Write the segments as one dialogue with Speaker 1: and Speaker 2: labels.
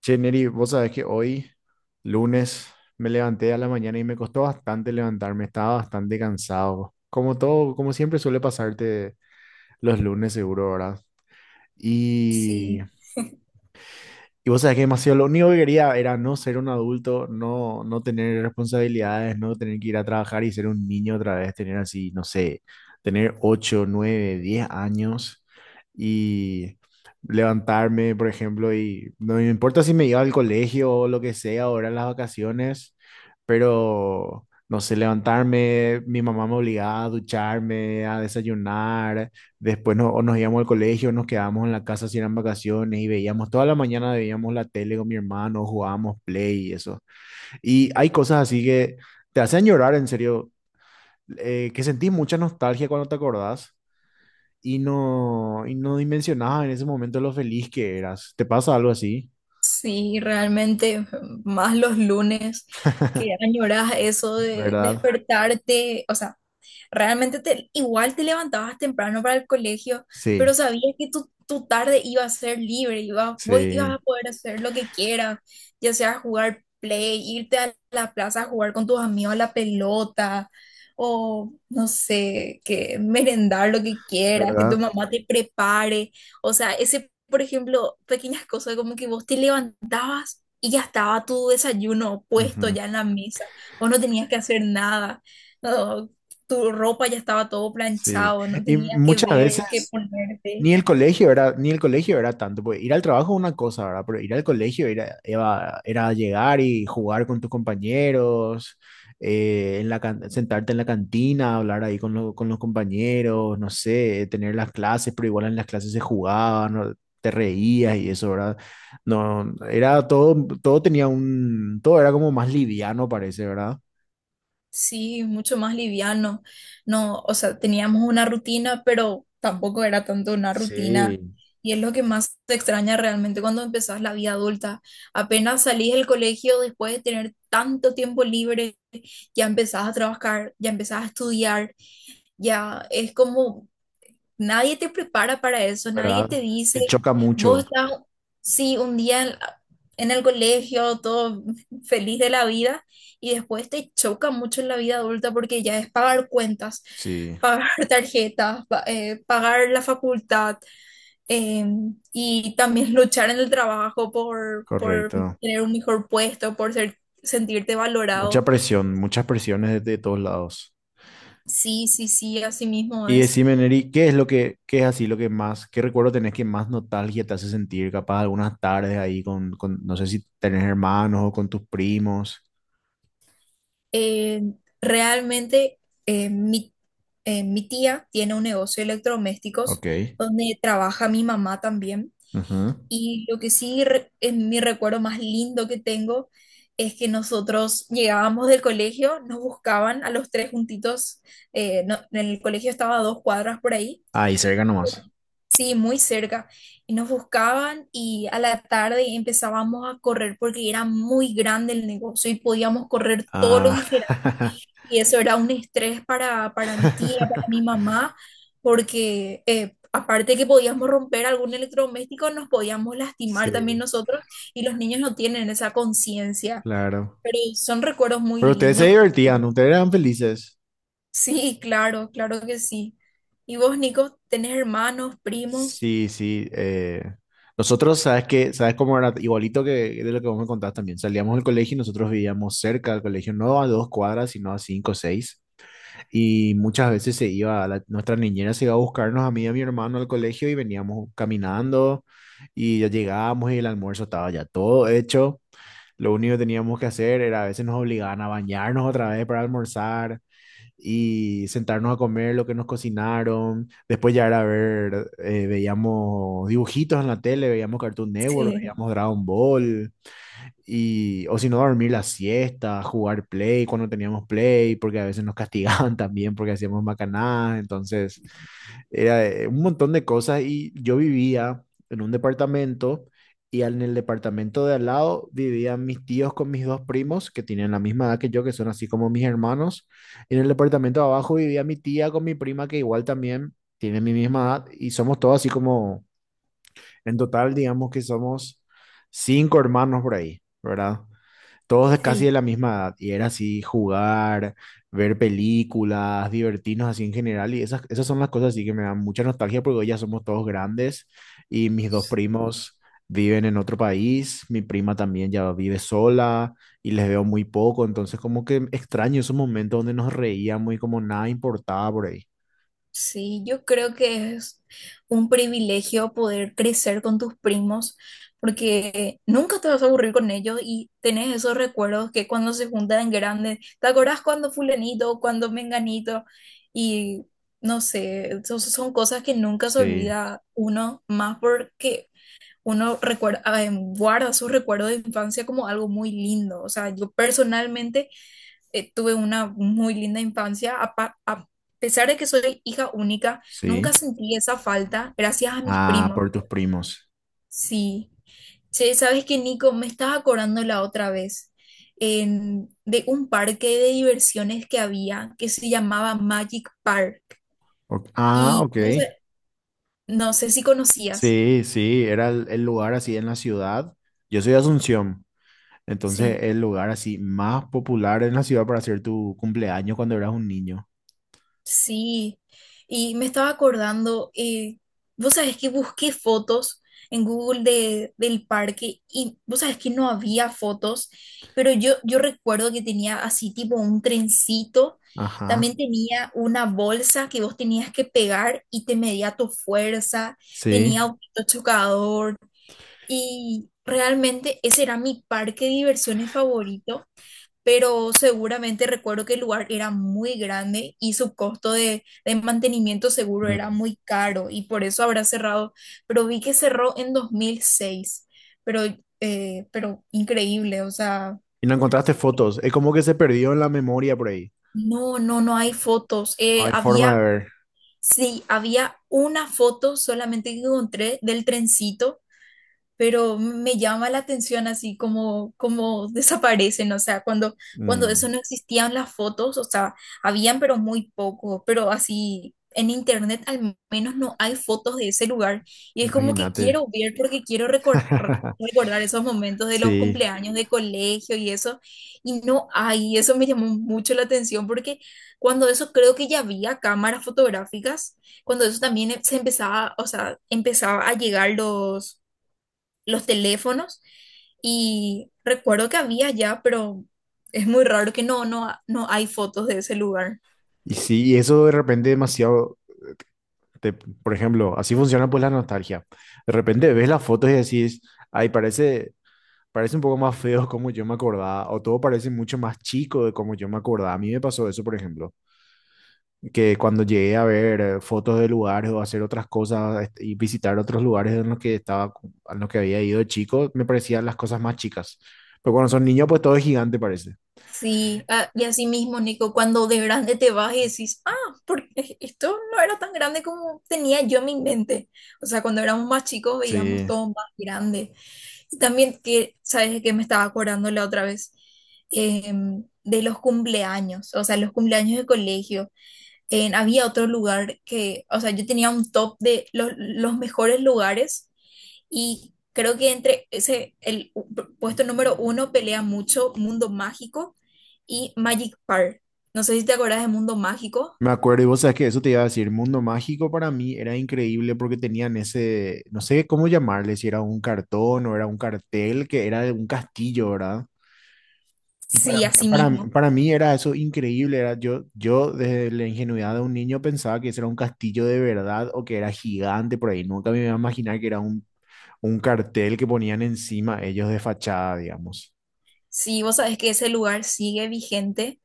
Speaker 1: Che, Neri, vos sabés que hoy, lunes, me levanté a la mañana y me costó bastante levantarme, estaba bastante cansado. Como todo, como siempre suele pasarte los lunes, seguro, ¿verdad? Y
Speaker 2: Sí,
Speaker 1: y vos sabés que demasiado lo único que quería era no ser un adulto, no, no tener responsabilidades, no tener que ir a trabajar y ser un niño otra vez, tener así, no sé, tener 8 9 10 años y levantarme, por ejemplo, y no me importa si me iba al colegio o lo que sea, ahora en las vacaciones, pero no sé, levantarme, mi mamá me obligaba a ducharme, a desayunar. Después no, o nos íbamos al colegio, nos quedábamos en la casa si eran vacaciones y veíamos, toda la mañana veíamos la tele con mi hermano, jugábamos play y eso. Y hay cosas así que te hacen llorar, en serio, que sentís mucha nostalgia cuando te acordás y no dimensionabas en ese momento lo feliz que eras. ¿Te pasa algo así?
Speaker 2: sí, realmente más los lunes que añoras eso de
Speaker 1: ¿Verdad?
Speaker 2: despertarte, o sea, igual te levantabas temprano para el colegio,
Speaker 1: Sí,
Speaker 2: pero sabías que tu tarde iba a ser libre, ibas a
Speaker 1: sí,
Speaker 2: poder hacer lo que quieras, ya sea jugar play, irte a la plaza a jugar con tus amigos a la pelota, o no sé, que merendar lo que quieras, que tu
Speaker 1: ¿verdad?
Speaker 2: mamá te prepare. O sea, ese, por ejemplo, pequeñas cosas como que vos te levantabas y ya estaba tu desayuno puesto
Speaker 1: Ujú.
Speaker 2: ya en la mesa, vos no tenías que hacer nada. No, tu ropa ya estaba todo
Speaker 1: Sí.
Speaker 2: planchado, no
Speaker 1: Y
Speaker 2: tenía que
Speaker 1: muchas
Speaker 2: ver qué
Speaker 1: veces...
Speaker 2: ponerte.
Speaker 1: Ni el colegio era, ni el colegio era tanto, porque ir al trabajo es una cosa, ¿verdad? Pero ir al colegio era llegar y jugar con tus compañeros, en la, sentarte en la cantina, hablar ahí con, con los compañeros, no sé, tener las clases, pero igual en las clases se jugaba, ¿no? Te reías y eso, ¿verdad? No, era todo, todo tenía un, todo era como más liviano, parece, ¿verdad?
Speaker 2: Sí, mucho más liviano. No, o sea, teníamos una rutina, pero tampoco era tanto una rutina.
Speaker 1: Sí.
Speaker 2: Y es lo que más te extraña realmente cuando empezás la vida adulta. Apenas salís del colegio después de tener tanto tiempo libre, ya empezás a trabajar, ya empezás a estudiar, ya es como... Nadie te prepara para eso, nadie
Speaker 1: ¿Verdad?
Speaker 2: te dice,
Speaker 1: Te choca
Speaker 2: vos
Speaker 1: mucho.
Speaker 2: estás, sí, un día en el colegio, todo feliz de la vida, y después te choca mucho en la vida adulta porque ya es pagar cuentas,
Speaker 1: Sí,
Speaker 2: pagar tarjetas, pagar la facultad, eh, y también luchar en el trabajo por
Speaker 1: correcto.
Speaker 2: tener un mejor puesto, por ser, sentirte
Speaker 1: Mucha
Speaker 2: valorado.
Speaker 1: presión, muchas presiones de todos lados.
Speaker 2: Sí, sí, sí, así mismo
Speaker 1: Y
Speaker 2: es.
Speaker 1: decime, Neri, ¿qué es lo que, qué es así lo que más, qué recuerdo tenés que más nostalgia te hace sentir? Capaz algunas tardes ahí con no sé si tenés hermanos o con tus primos.
Speaker 2: Eh, realmente eh, mi, mi tía tiene un negocio de electrodomésticos
Speaker 1: Ok.
Speaker 2: donde trabaja mi mamá también.
Speaker 1: Ujú.
Speaker 2: Y lo que es mi recuerdo más lindo que tengo es que nosotros llegábamos del colegio, nos buscaban a los tres juntitos, en el colegio estaba a 2 cuadras por ahí.
Speaker 1: Ahí cerca nomás.
Speaker 2: Sí, muy cerca. Y nos buscaban y a la tarde empezábamos a correr porque era muy grande el negocio y podíamos correr todo lo
Speaker 1: Ah,
Speaker 2: que queramos. Y eso era un estrés para mi tía, para mi mamá, porque aparte que podíamos romper algún electrodoméstico, nos podíamos lastimar también
Speaker 1: sí,
Speaker 2: nosotros y los niños no tienen esa conciencia.
Speaker 1: claro.
Speaker 2: Pero son recuerdos muy
Speaker 1: Pero ustedes se
Speaker 2: lindos.
Speaker 1: divertían, ustedes eran felices.
Speaker 2: Sí, claro, claro que sí. ¿Y vos, Nico, tenés hermanos, primos?
Speaker 1: Sí, sí. Nosotros, ¿sabes qué? ¿Sabes cómo era? Igualito que de lo que vos me contabas también. Salíamos del colegio y nosotros vivíamos cerca del colegio, no a 2 cuadras, sino a 5 o 6. Y muchas veces se iba, nuestra niñera se iba a buscarnos a mí y a mi hermano al colegio y veníamos caminando y ya llegábamos y el almuerzo estaba ya todo hecho. Lo único que teníamos que hacer era a veces nos obligaban a bañarnos otra vez para almorzar y sentarnos a comer lo que nos cocinaron. Después ya era ver, veíamos dibujitos en la tele, veíamos Cartoon Network,
Speaker 2: Sí.
Speaker 1: veíamos Dragon Ball. Y, o si no, dormir la siesta, jugar play cuando teníamos play, porque a veces nos castigaban también porque hacíamos macanadas. Entonces, era un montón de cosas. Y yo vivía en un departamento y en el departamento de al lado vivían mis tíos con mis dos primos, que tienen la misma edad que yo, que son así como mis hermanos. Y en el departamento de abajo vivía mi tía con mi prima, que igual también tiene mi misma edad. Y somos todos así como, en total, digamos que somos cinco hermanos por ahí, ¿verdad? Todos de casi de
Speaker 2: Sí,
Speaker 1: la misma edad, y era así jugar, ver películas, divertirnos así en general, y esas, esas son las cosas así que me dan mucha nostalgia porque hoy ya somos todos grandes y mis dos primos viven en otro país, mi prima también ya vive sola y les veo muy poco, entonces como que extraño esos momentos donde nos reíamos y como nada importaba por ahí.
Speaker 2: sí, yo creo que es un privilegio poder crecer con tus primos porque nunca te vas a aburrir con ellos y tenés esos recuerdos que cuando se juntan grandes, ¿te acordás cuando fulanito, cuando menganito? Y no sé, son cosas que nunca se
Speaker 1: Sí,
Speaker 2: olvida uno, más porque uno recuerda, guarda sus recuerdos de infancia como algo muy lindo. O sea, yo personalmente tuve una muy linda infancia. A pesar de que soy hija única, nunca
Speaker 1: sí.
Speaker 2: sentí esa falta gracias a mis
Speaker 1: Ah,
Speaker 2: primos.
Speaker 1: por tus primos.
Speaker 2: Sí. Che, ¿sabes que Nico? Me estaba acordando la otra vez de un parque de diversiones que había que se llamaba Magic Park.
Speaker 1: Ok. Ah,
Speaker 2: Y
Speaker 1: ok.
Speaker 2: no sé, no sé si conocías.
Speaker 1: Sí, sí, era el lugar así en la ciudad. Yo soy de Asunción. Entonces,
Speaker 2: Sí.
Speaker 1: el lugar así más popular en la ciudad para hacer tu cumpleaños cuando eras un niño.
Speaker 2: Sí, y me estaba acordando, vos sabés que busqué fotos en Google de, del parque y vos sabés que no había fotos, pero yo recuerdo que tenía así tipo un trencito,
Speaker 1: Ajá,
Speaker 2: también tenía una bolsa que vos tenías que pegar y te medía tu fuerza,
Speaker 1: sí.
Speaker 2: tenía autito chocador y realmente ese era mi parque de diversiones favorito. Pero seguramente recuerdo que el lugar era muy grande y su costo de mantenimiento seguro era
Speaker 1: Mm.
Speaker 2: muy caro y por eso habrá cerrado, pero vi que cerró en 2006, pero, pero increíble, o sea,
Speaker 1: Y no encontraste fotos. Es como que se perdió en la memoria por ahí.
Speaker 2: no, no, no hay fotos.
Speaker 1: No hay forma de
Speaker 2: Había,
Speaker 1: ver.
Speaker 2: sí, había una foto solamente que encontré del trencito, pero me llama la atención así como, como desaparecen, o sea, cuando
Speaker 1: Mm.
Speaker 2: eso no existían las fotos, o sea, habían pero muy poco, pero así en internet al menos no hay fotos de ese lugar y es como que
Speaker 1: Imagínate.
Speaker 2: quiero ver porque recordar esos momentos de los
Speaker 1: Sí.
Speaker 2: cumpleaños de colegio y eso, y no hay, y eso me llamó mucho la atención porque cuando eso creo que ya había cámaras fotográficas, cuando eso también se empezaba, o sea, empezaba a llegar los teléfonos y recuerdo que había ya, pero es muy raro que no, no, no hay fotos de ese lugar.
Speaker 1: Y sí, y eso de repente demasiado, por ejemplo, así funciona pues la nostalgia. De repente ves las fotos y decís, ay, parece, parece un poco más feo como yo me acordaba, o todo parece mucho más chico de como yo me acordaba. A mí me pasó eso, por ejemplo. Que cuando llegué a ver fotos de lugares o hacer otras cosas este, y visitar otros lugares en los que estaba, en los que había ido de chico, me parecían las cosas más chicas. Pero cuando son niños, pues todo es gigante, parece.
Speaker 2: Sí, ah, y así mismo, Nico, cuando de grande te vas y decís, ah, porque esto no era tan grande como tenía yo en mi mente. O sea, cuando éramos más chicos veíamos
Speaker 1: Sí.
Speaker 2: todo más grande. Y también que, ¿sabes que me estaba acordando la otra vez? De los cumpleaños, o sea, los cumpleaños de colegio. Había otro lugar que, o sea, yo tenía un top de los mejores lugares y creo que entre ese, puesto número 1 pelea mucho Mundo Mágico y Magic Park. No sé si te acordás de Mundo Mágico.
Speaker 1: Me acuerdo, y vos sabes que eso te iba a decir, Mundo Mágico para mí era increíble porque tenían ese, no sé cómo llamarle, si era un cartón o era un cartel, que era de un castillo, ¿verdad? Y para,
Speaker 2: Sí,
Speaker 1: mí-
Speaker 2: así
Speaker 1: para,
Speaker 2: mismo.
Speaker 1: para mí era eso increíble, era yo, yo desde la ingenuidad de un niño pensaba que ese era un castillo de verdad o que era gigante por ahí, nunca me iba a imaginar que era un cartel que ponían encima ellos de fachada, digamos.
Speaker 2: Sí, vos sabés que ese lugar sigue vigente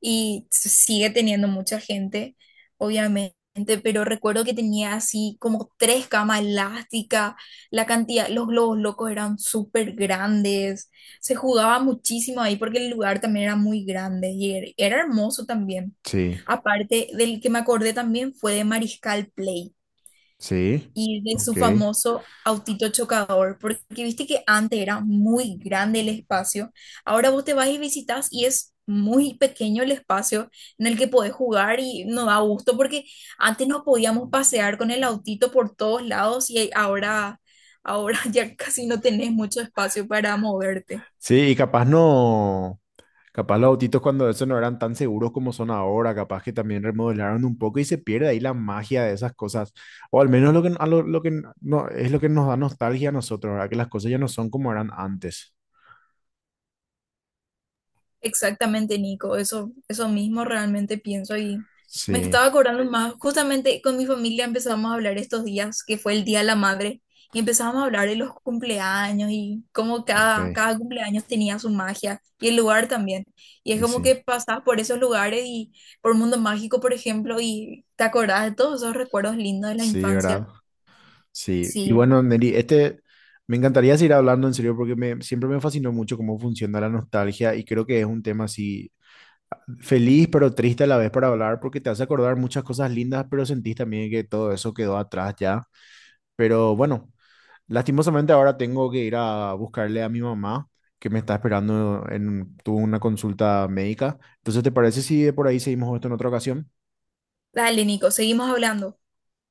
Speaker 2: y sigue teniendo mucha gente, obviamente, pero recuerdo que tenía así como 3 camas elásticas, la cantidad, los globos locos eran súper grandes, se jugaba muchísimo ahí porque el lugar también era muy grande y era, era hermoso también.
Speaker 1: Sí,
Speaker 2: Aparte, del que me acordé también fue de Mariscal Play
Speaker 1: sí,
Speaker 2: y de
Speaker 1: ok.
Speaker 2: su famoso autito chocador, porque viste que antes era muy grande el espacio, ahora vos te vas y visitas y es muy pequeño el espacio en el que podés jugar y nos da gusto porque antes nos podíamos pasear con el autito por todos lados y ahora ya casi no tenés mucho espacio para moverte.
Speaker 1: Sí, y capaz no, capaz los autitos cuando eso no eran tan seguros como son ahora, capaz que también remodelaron un poco y se pierde ahí la magia de esas cosas, o al menos lo que, lo que no, es lo que nos da nostalgia a nosotros, ¿verdad? Que las cosas ya no son como eran antes.
Speaker 2: Exactamente, Nico, eso mismo realmente pienso. Y me
Speaker 1: Sí,
Speaker 2: estaba acordando más, justamente con mi familia empezamos a hablar estos días, que fue el Día de la Madre, y empezamos a hablar de los cumpleaños y cómo
Speaker 1: ok,
Speaker 2: cada cumpleaños tenía su magia y el lugar también. Y es
Speaker 1: y
Speaker 2: como
Speaker 1: sí,
Speaker 2: que pasás por esos lugares y por Mundo Mágico, por ejemplo, y te acordás de todos esos recuerdos lindos de la
Speaker 1: sí,
Speaker 2: infancia.
Speaker 1: ¿verdad? Sí, y
Speaker 2: Sí,
Speaker 1: bueno, Neri, este, me encantaría seguir hablando en serio porque me, siempre me fascinó mucho cómo funciona la nostalgia y creo que es un tema así feliz pero triste a la vez para hablar porque te hace acordar muchas cosas lindas, pero sentís también que todo eso quedó atrás ya. Pero bueno, lastimosamente ahora tengo que ir a buscarle a mi mamá que me está esperando en, tuvo una consulta médica. Entonces, ¿te parece si de por ahí seguimos esto en otra ocasión?
Speaker 2: dale, Nico, seguimos hablando.